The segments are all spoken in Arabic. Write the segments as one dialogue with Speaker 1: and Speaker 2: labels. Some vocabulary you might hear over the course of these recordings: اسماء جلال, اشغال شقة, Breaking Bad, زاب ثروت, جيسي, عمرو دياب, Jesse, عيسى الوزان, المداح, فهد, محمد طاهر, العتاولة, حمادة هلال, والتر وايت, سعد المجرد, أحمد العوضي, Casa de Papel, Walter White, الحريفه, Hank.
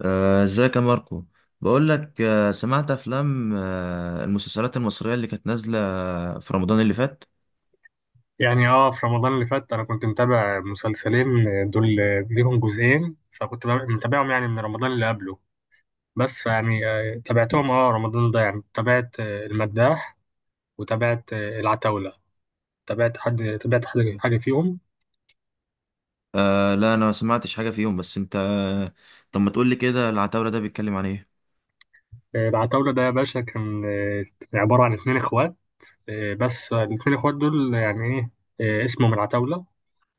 Speaker 1: ازيك يا ماركو؟ بقول لك، سمعت افلام، المسلسلات المصرية اللي كانت نازلة في رمضان اللي فات.
Speaker 2: يعني في رمضان اللي فات انا كنت متابع مسلسلين دول ليهم جزئين، فكنت متابعهم يعني من رمضان اللي قبله. بس يعني تابعتهم رمضان ده، يعني تابعت المداح، وتابعت العتاولة. تابعت حاجة فيهم؟
Speaker 1: لا، انا ما سمعتش حاجة فيهم، بس انت طب ما تقول لي كده، العتاولة ده بيتكلم عن ايه؟
Speaker 2: العتاولة ده يا باشا كان عبارة عن اتنين اخوات. بس الاتنين اخوات دول يعني ايه، اسمهم العتاولة.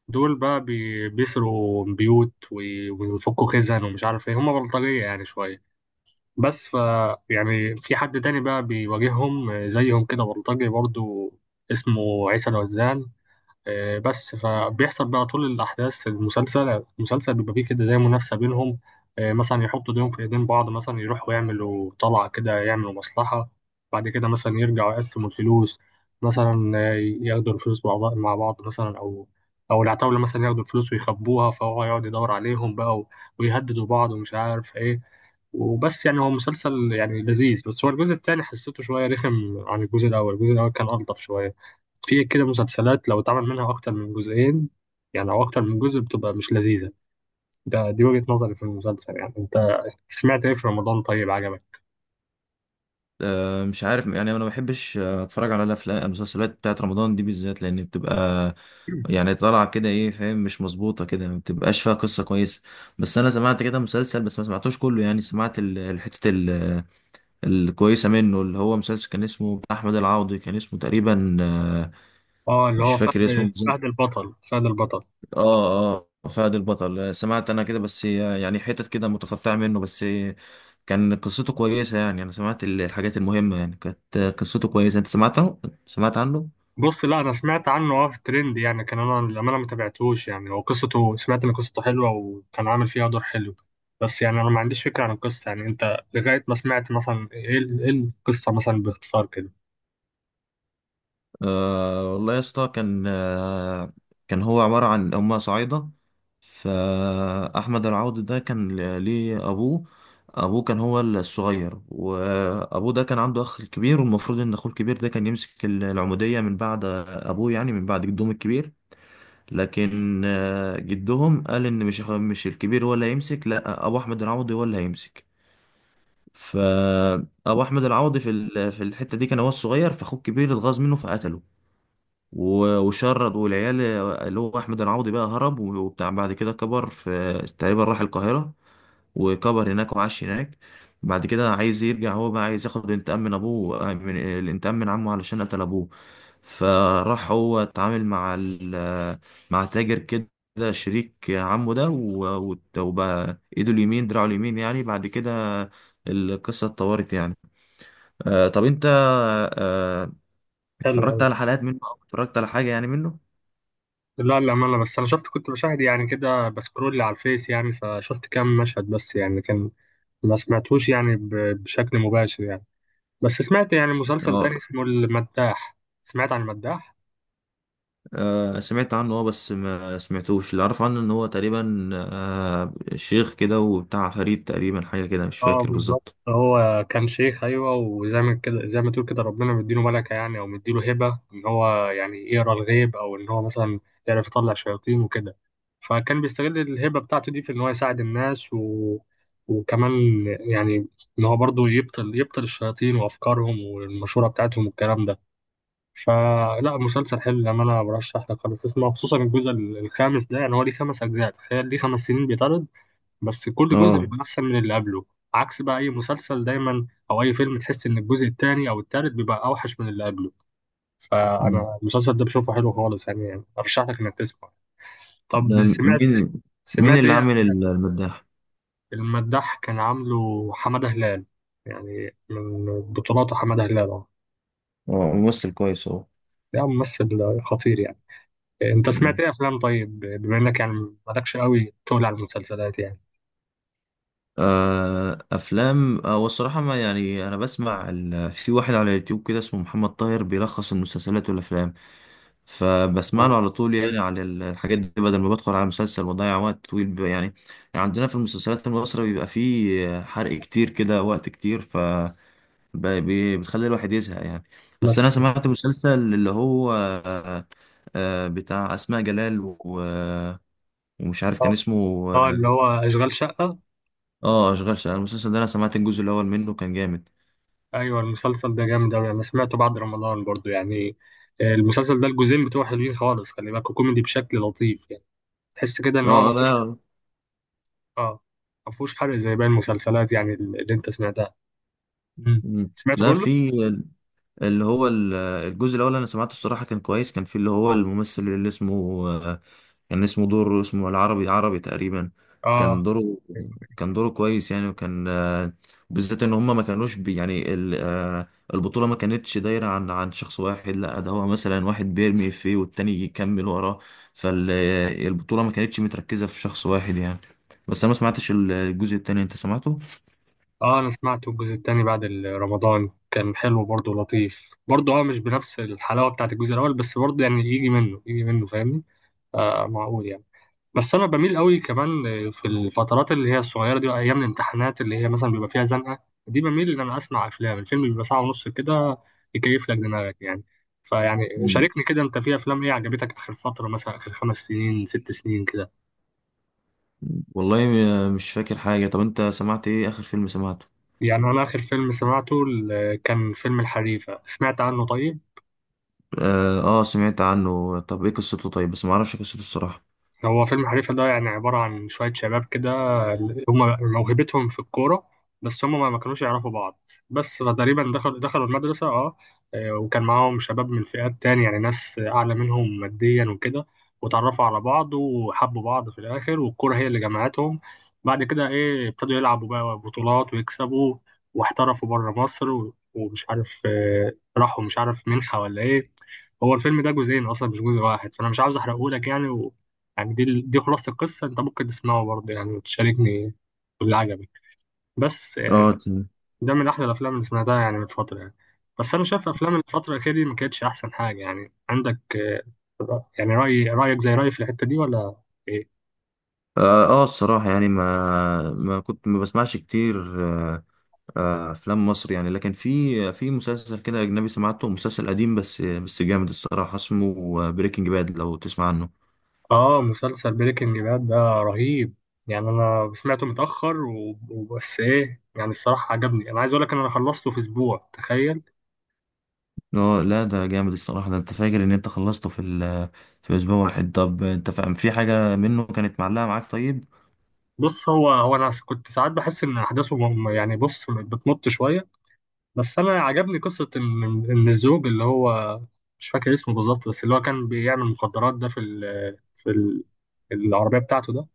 Speaker 2: دول بقى بيسرقوا بيوت ويفكوا خزن ومش عارف ايه، هما بلطجية يعني شوية. بس يعني في حد تاني بقى بيواجههم، زيهم كده بلطجي برضو، اسمه عيسى الوزان. بس فبيحصل بقى طول الأحداث، المسلسل بيبقى فيه كده زي منافسة بينهم. مثلا يحطوا ايديهم في ايدين بعض، مثلا يروحوا يعملوا طلعة كده، يعملوا مصلحة. بعد كده مثلا يرجعوا يقسموا الفلوس. مثلا ياخدوا الفلوس مع بعض مثلا، أو العتاولة مثلا ياخدوا الفلوس ويخبوها، فهو يقعد يدور عليهم بقى ويهددوا بعض ومش عارف إيه. وبس، يعني هو مسلسل يعني لذيذ، بس هو الجزء التاني حسيته شوية رخم عن الجزء الأول. الجزء الأول كان ألطف شوية. في كده مسلسلات لو اتعمل منها أكتر من جزئين، يعني أو أكتر من جزء، بتبقى مش لذيذة. دي وجهة نظري في المسلسل. يعني أنت سمعت إيه في رمضان؟ طيب، عجبك؟
Speaker 1: مش عارف يعني، انا ما بحبش اتفرج على الافلام المسلسلات بتاعت رمضان دي بالذات، لان بتبقى يعني طالعة كده، ايه، فاهم، مش مظبوطة كده، ما بتبقاش فيها قصة كويسة. بس انا سمعت كده مسلسل، بس ما سمعتوش كله، يعني سمعت الحتة الكويسة منه، اللي هو مسلسل كان اسمه بتاع أحمد العوضي، كان اسمه تقريبا
Speaker 2: اه اللي
Speaker 1: مش
Speaker 2: هو
Speaker 1: فاكر اسمه
Speaker 2: فهد
Speaker 1: بالظبط.
Speaker 2: فهد البطل، فهد البطل.
Speaker 1: اه. اه، فهد البطل. سمعت أنا كده، بس يعني حتت كده متقطعة منه، بس كان قصته كويسة يعني، أنا سمعت الحاجات المهمة، يعني كانت قصته كويسة. أنت سمعت عنه؟ سمعت عنه؟
Speaker 2: بص، لا، انا سمعت عنه في الترند يعني، كان انا للامانه ما تابعتوش يعني. هو قصته سمعت ان قصته حلوه، وكان عامل فيها دور حلو. بس يعني انا ما عنديش فكره عن القصه، يعني انت لغايه ما سمعت، مثلا، إيه القصه مثلا باختصار كده؟
Speaker 1: أه والله يا اسطى، كان كان هو عبارة عن، هما صعايدة. فأحمد العوضي ده كان ليه أبوه. أبوه كان هو الصغير، وأبوه ده كان عنده أخ كبير، والمفروض إن أخوه الكبير ده كان يمسك العمودية من بعد أبوه، يعني من بعد جدهم الكبير. لكن جدهم قال إن مش مش الكبير هو اللي هيمسك، لأ، أبو أحمد العوضي هو اللي هيمسك. فأبو أحمد العوضي في في الحتة دي كان هو الصغير، فأخوه الكبير اتغاظ منه فقتله، وشرد. والعيال اللي هو احمد العوضي بقى هرب وبتاع. بعد كده كبر في، تقريبا راح القاهره، وكبر هناك وعاش هناك. بعد كده عايز يرجع، هو بقى عايز ياخد انتقام من ابوه، من الانتقام من عمه علشان قتل ابوه. فراح هو اتعامل مع مع تاجر كده، شريك عمه ده، وبقى ايده اليمين، دراعه اليمين يعني. بعد كده القصة اتطورت يعني. آه، طب انت، آه،
Speaker 2: حلو
Speaker 1: اتفرجت
Speaker 2: قوي.
Speaker 1: على حلقات منه، او اتفرجت على حاجة يعني منه؟
Speaker 2: لا، للامانه، بس انا كنت بشاهد يعني كده، بسكرول على الفيس يعني، فشفت كام مشهد بس، يعني كان ما سمعتوش يعني بشكل مباشر يعني. بس سمعت يعني مسلسل
Speaker 1: اه.
Speaker 2: تاني اسمه المداح. سمعت عن المداح؟
Speaker 1: سمعت عنه، اه، بس ما سمعتوش. اللي اعرف عنه ان هو تقريبا آه شيخ كده وبتاع فريد تقريبا، حاجة كده، مش
Speaker 2: اه،
Speaker 1: فاكر
Speaker 2: بالظبط.
Speaker 1: بالظبط.
Speaker 2: هو كان شيخ، ايوه، وزي ما كده، زي ما تقول كده ربنا مديله ملكه، يعني او مديله هبه ان هو يعني يقرا الغيب، او ان هو مثلا يعرف يطلع شياطين وكده. فكان بيستغل الهبه بتاعته دي في ان هو يساعد الناس، وكمان يعني ان هو برضه يبطل الشياطين وافكارهم والمشوره بتاعتهم والكلام ده. فلا، مسلسل حلو، لما انا برشح لك خالص اسمه، خصوصا الجزء الخامس ده. يعني هو ليه 5 اجزاء، تخيل، ليه 5 سنين بيتعرض. بس كل جزء
Speaker 1: اه.
Speaker 2: بيكون احسن من اللي قبله. عكس بقى اي مسلسل دايما، او اي فيلم، تحس ان الجزء الثاني او الثالث بيبقى اوحش من اللي قبله.
Speaker 1: مم.
Speaker 2: فانا المسلسل ده بشوفه حلو خالص يعني. ارشح لك انك تسمع.
Speaker 1: ده
Speaker 2: طب سمعت؟
Speaker 1: مين؟ مين
Speaker 2: سمعت
Speaker 1: اللي
Speaker 2: ايه؟
Speaker 1: عامل المداح؟
Speaker 2: المداح كان عامله حمادة هلال، يعني من بطولاته حمادة هلال، اه.
Speaker 1: اه، ممثل كويس.
Speaker 2: ده ممثل خطير يعني. انت
Speaker 1: اهو.
Speaker 2: سمعت ايه افلام، طيب، بما انك يعني مالكش قوي تقول على المسلسلات يعني؟
Speaker 1: افلام، والصراحه، ما يعني انا بسمع في واحد على اليوتيوب كده اسمه محمد طاهر بيلخص المسلسلات والافلام، فبسمع له على طول يعني على الحاجات دي، بدل ما بدخل على مسلسل واضيع وقت طويل، يعني يعني عندنا في المسلسلات المصرية بيبقى فيه حرق كتير كده، وقت كتير، ف بتخلي الواحد يزهق يعني. بس انا
Speaker 2: بس
Speaker 1: سمعت مسلسل اللي هو بتاع اسماء جلال و... ومش عارف كان
Speaker 2: اه
Speaker 1: اسمه. اه.
Speaker 2: اللي هو اشغال شقة.
Speaker 1: اشغال شقه، المسلسل ده انا سمعت الجزء الاول منه، كان جامد.
Speaker 2: ايوه، المسلسل ده جامد اوي، انا سمعته بعد رمضان برضو يعني. المسلسل ده الجزئين بتوعه حلوين خالص، خلي بالك، كوميدي بشكل لطيف يعني. تحس كده ان
Speaker 1: اه.
Speaker 2: هو
Speaker 1: لا.
Speaker 2: اه مفهوش حرق زي باقي المسلسلات، يعني اللي انت سمعتها. مم. سمعته
Speaker 1: لا،
Speaker 2: كله؟
Speaker 1: في اللي هو الجزء الاول انا سمعته الصراحه، كان كويس. كان في اللي هو الممثل اللي اسمه آه، كان اسمه دور، اسمه العربي، عربي تقريبا. كان
Speaker 2: اه
Speaker 1: دوره، كان دوره كويس يعني، وكان بالذات ان هم ما كانوش بي يعني البطوله ما كانتش دايره عن عن شخص واحد، لا، ده هو مثلا واحد بيرمي فيه والتاني يكمل وراه، فالبطوله ما كانتش متركزه في شخص واحد يعني. بس انا ما سمعتش الجزء التاني، انت سمعته؟
Speaker 2: اه انا سمعته. الجزء الثاني بعد رمضان كان حلو برضو، لطيف برضو، اه، مش بنفس الحلاوة بتاعت الجزء الاول، بس برضو يعني يجي منه، يجي منه، فاهمني؟ معقول يعني. بس انا بميل قوي كمان في الفترات اللي هي الصغيره دي، ايام الامتحانات، اللي هي مثلا بيبقى فيها زنقه دي، بميل ان انا اسمع افلام. الفيلم بيبقى ساعه ونص كده، يكيف لك دماغك يعني. فيعني شاركني كده، انت في افلام ايه عجبتك اخر فتره، مثلا اخر 5 سنين، 6 سنين كده؟
Speaker 1: والله مش فاكر حاجة. طب انت سمعت ايه؟ اخر فيلم سمعته؟
Speaker 2: يعني انا اخر فيلم سمعته كان فيلم الحريفه، سمعت عنه طيب؟
Speaker 1: اه، سمعت عنه، طب ايه قصته؟ طيب، بس ما اعرفش قصته الصراحة.
Speaker 2: هو فيلم حريفة ده يعني عبارة عن شوية شباب كده، هم موهبتهم في الكورة، بس هم ما كانوش يعرفوا بعض. بس فتقريبا دخلوا المدرسة، اه، وكان معاهم شباب من فئات تانية، يعني ناس أعلى منهم ماديا وكده. وتعرفوا على بعض وحبوا بعض في الآخر، والكورة هي اللي جمعتهم. بعد كده، إيه، ابتدوا يلعبوا بقى بطولات ويكسبوا، واحترفوا بره مصر ومش عارف، راحوا مش عارف منحة ولا إيه. هو الفيلم ده جزئين اصلا، مش جزء واحد، فانا مش عاوز احرقهولك يعني. يعني دي خلاصة القصة. أنت ممكن تسمعه برضه يعني، وتشاركني باللي عجبك. بس
Speaker 1: اه
Speaker 2: يعني
Speaker 1: ت-
Speaker 2: ده من أحلى الأفلام اللي سمعتها، يعني من فترة يعني. بس أنا شايف أفلام الفترة الأخيرة دي ما كانتش أحسن حاجة، يعني عندك يعني رأيك زي رأيي في الحتة دي، ولا إيه؟
Speaker 1: اه، الصراحة يعني، ما ما كنت ما بسمعش كتير، آه، آه افلام مصر يعني، لكن في، في مسلسل كده اجنبي سمعته، مسلسل قديم بس بس جامد الصراحة، اسمه بريكنج باد، لو تسمع عنه.
Speaker 2: مسلسل بريكنج باد ده رهيب. يعني أنا سمعته متأخر، وبس إيه يعني، الصراحة عجبني. أنا عايز أقول لك إن أنا خلصته في أسبوع، تخيل.
Speaker 1: اه، لا، ده جامد الصراحة ده. انت فاكر ان انت خلصته في في اسبوع واحد؟ طب انت فاهم في حاجة منه كانت معلقة معاك طيب؟
Speaker 2: بص، هو أنا كنت ساعات بحس إن أحداثه يعني، بص، بتمط شوية. بس انا عجبني قصه ان الزوج اللي هو، مش فاكر اسمه بالظبط، بس اللي هو كان بيعمل مخدرات ده في ال العربيه بتاعته ده.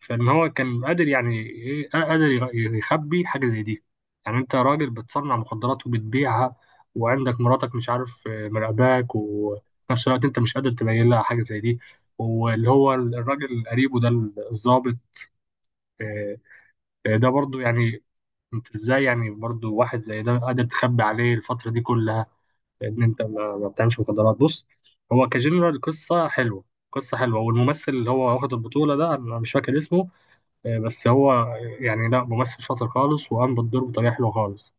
Speaker 2: فان هو كان قادر، يعني ايه، قادر يخبي حاجه زي دي. يعني انت راجل بتصنع مخدرات وبتبيعها، وعندك مراتك، مش عارف، مراقباك، وفي نفس الوقت انت مش قادر تبين لها حاجه زي دي. واللي هو الراجل قريبه ده، الضابط، آه، ده برضو يعني، انت ازاي يعني برضو واحد زي ده قادر تخبي عليه الفتره دي كلها؟ لان انت ما بتعملش مخدرات، بص. هو كجنرال القصه حلوه. قصه حلوه. والممثل اللي هو واخد البطوله ده انا مش فاكر اسمه، بس هو يعني، لا، ممثل شاطر خالص، وقام بالدور بطريقه حلوه خالص.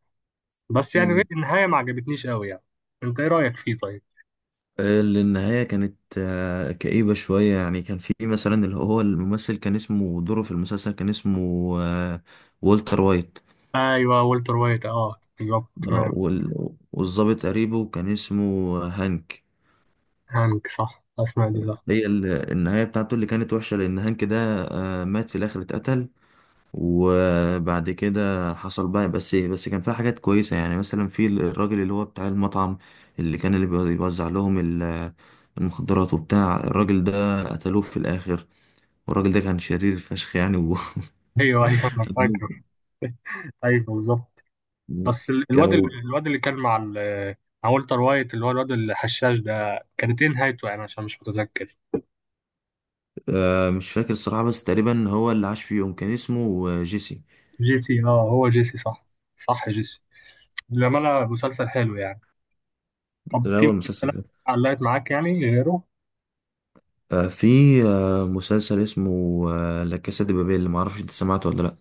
Speaker 2: بس يعني إيه، النهايه ما عجبتنيش قوي يعني. انت ايه رايك فيه، طيب؟
Speaker 1: اللي النهاية كانت كئيبة شوية يعني، كان في مثلا اللي هو الممثل كان اسمه، دوره في المسلسل كان اسمه آه، والتر وايت.
Speaker 2: ايوه والتر وايت، اه، بالظبط، تمام.
Speaker 1: والضابط قريبه كان اسمه هانك.
Speaker 2: هانك، صح، اسمع دي صح.
Speaker 1: هي النهاية بتاعته اللي كانت وحشة لأن هانك ده مات في الآخر، اتقتل، وبعد كده حصل بقى. بس بس كان فيها حاجات كويسة يعني. مثلا في الراجل اللي هو بتاع المطعم، اللي كان اللي بيوزع لهم المخدرات وبتاع، الراجل ده قتلوه في الآخر. والراجل ده كان شرير فشخ يعني و...
Speaker 2: ايوه، ايوه، انا فاكر. ايوه بالظبط. بس
Speaker 1: كانوا.
Speaker 2: الواد اللي كان مع والتر وايت، اللي هو الواد الحشاش ده، كانت ايه نهايته يعني؟ عشان مش متذكر.
Speaker 1: آه، مش فاكر الصراحة، بس تقريبا هو اللي عاش فيهم كان اسمه جيسي.
Speaker 2: جيسي، اه، هو جيسي صح. صح، جيسي. للأمانة مسلسل حلو يعني. طب
Speaker 1: ده
Speaker 2: في
Speaker 1: هو المسلسل
Speaker 2: مسلسلات
Speaker 1: ده.
Speaker 2: علقت معاك يعني غيره؟
Speaker 1: آه، في آه مسلسل اسمه آه لا كاسا دي بابيل، اللي معرفش انت سمعته ولا لأ.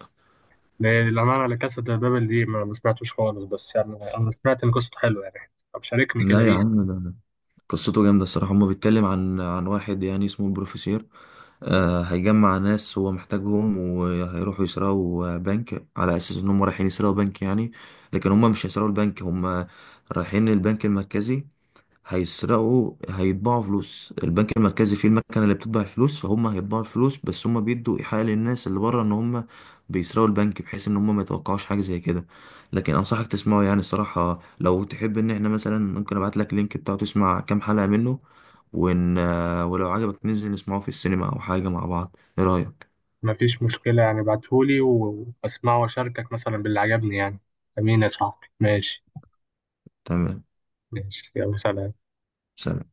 Speaker 2: للأمانة لا كاسا دي بابل دي ما سمعتوش خالص، بس يعني أنا سمعت إن قصته حلوة يعني. طب شاركني كده
Speaker 1: لا يا
Speaker 2: بيه.
Speaker 1: عم، ده قصته جامدة الصراحة. هو بيتكلم عن عن واحد يعني اسمه البروفيسير، آه، هيجمع ناس هو محتاجهم، وهيروحوا يسرقوا بنك، على أساس إنهم رايحين يسرقوا بنك يعني، لكن هم مش هيسرقوا البنك. هم رايحين البنك المركزي، هيسرقوا، هيطبعوا فلوس. البنك المركزي فيه المكنه اللي بتطبع الفلوس، فهم هيطبعوا الفلوس، بس هم بيدوا ايحاء للناس اللي بره ان هم بيسرقوا البنك، بحيث ان هم ما يتوقعوش حاجه زي كده. لكن انصحك تسمعه يعني الصراحه، لو تحب ان احنا مثلا، ممكن ابعت لك اللينك بتاعه، تسمع كام حلقه منه، ون... ولو عجبك ننزل نسمعه في السينما او حاجه مع بعض. ايه رايك؟
Speaker 2: مفيش مشكلة، يعني بعتهولي وأسمعه وأشاركك مثلا باللي عجبني يعني. أمين يا صاحبي. ماشي،
Speaker 1: تمام.
Speaker 2: ماشي، يلا، سلام.
Speaker 1: سلام.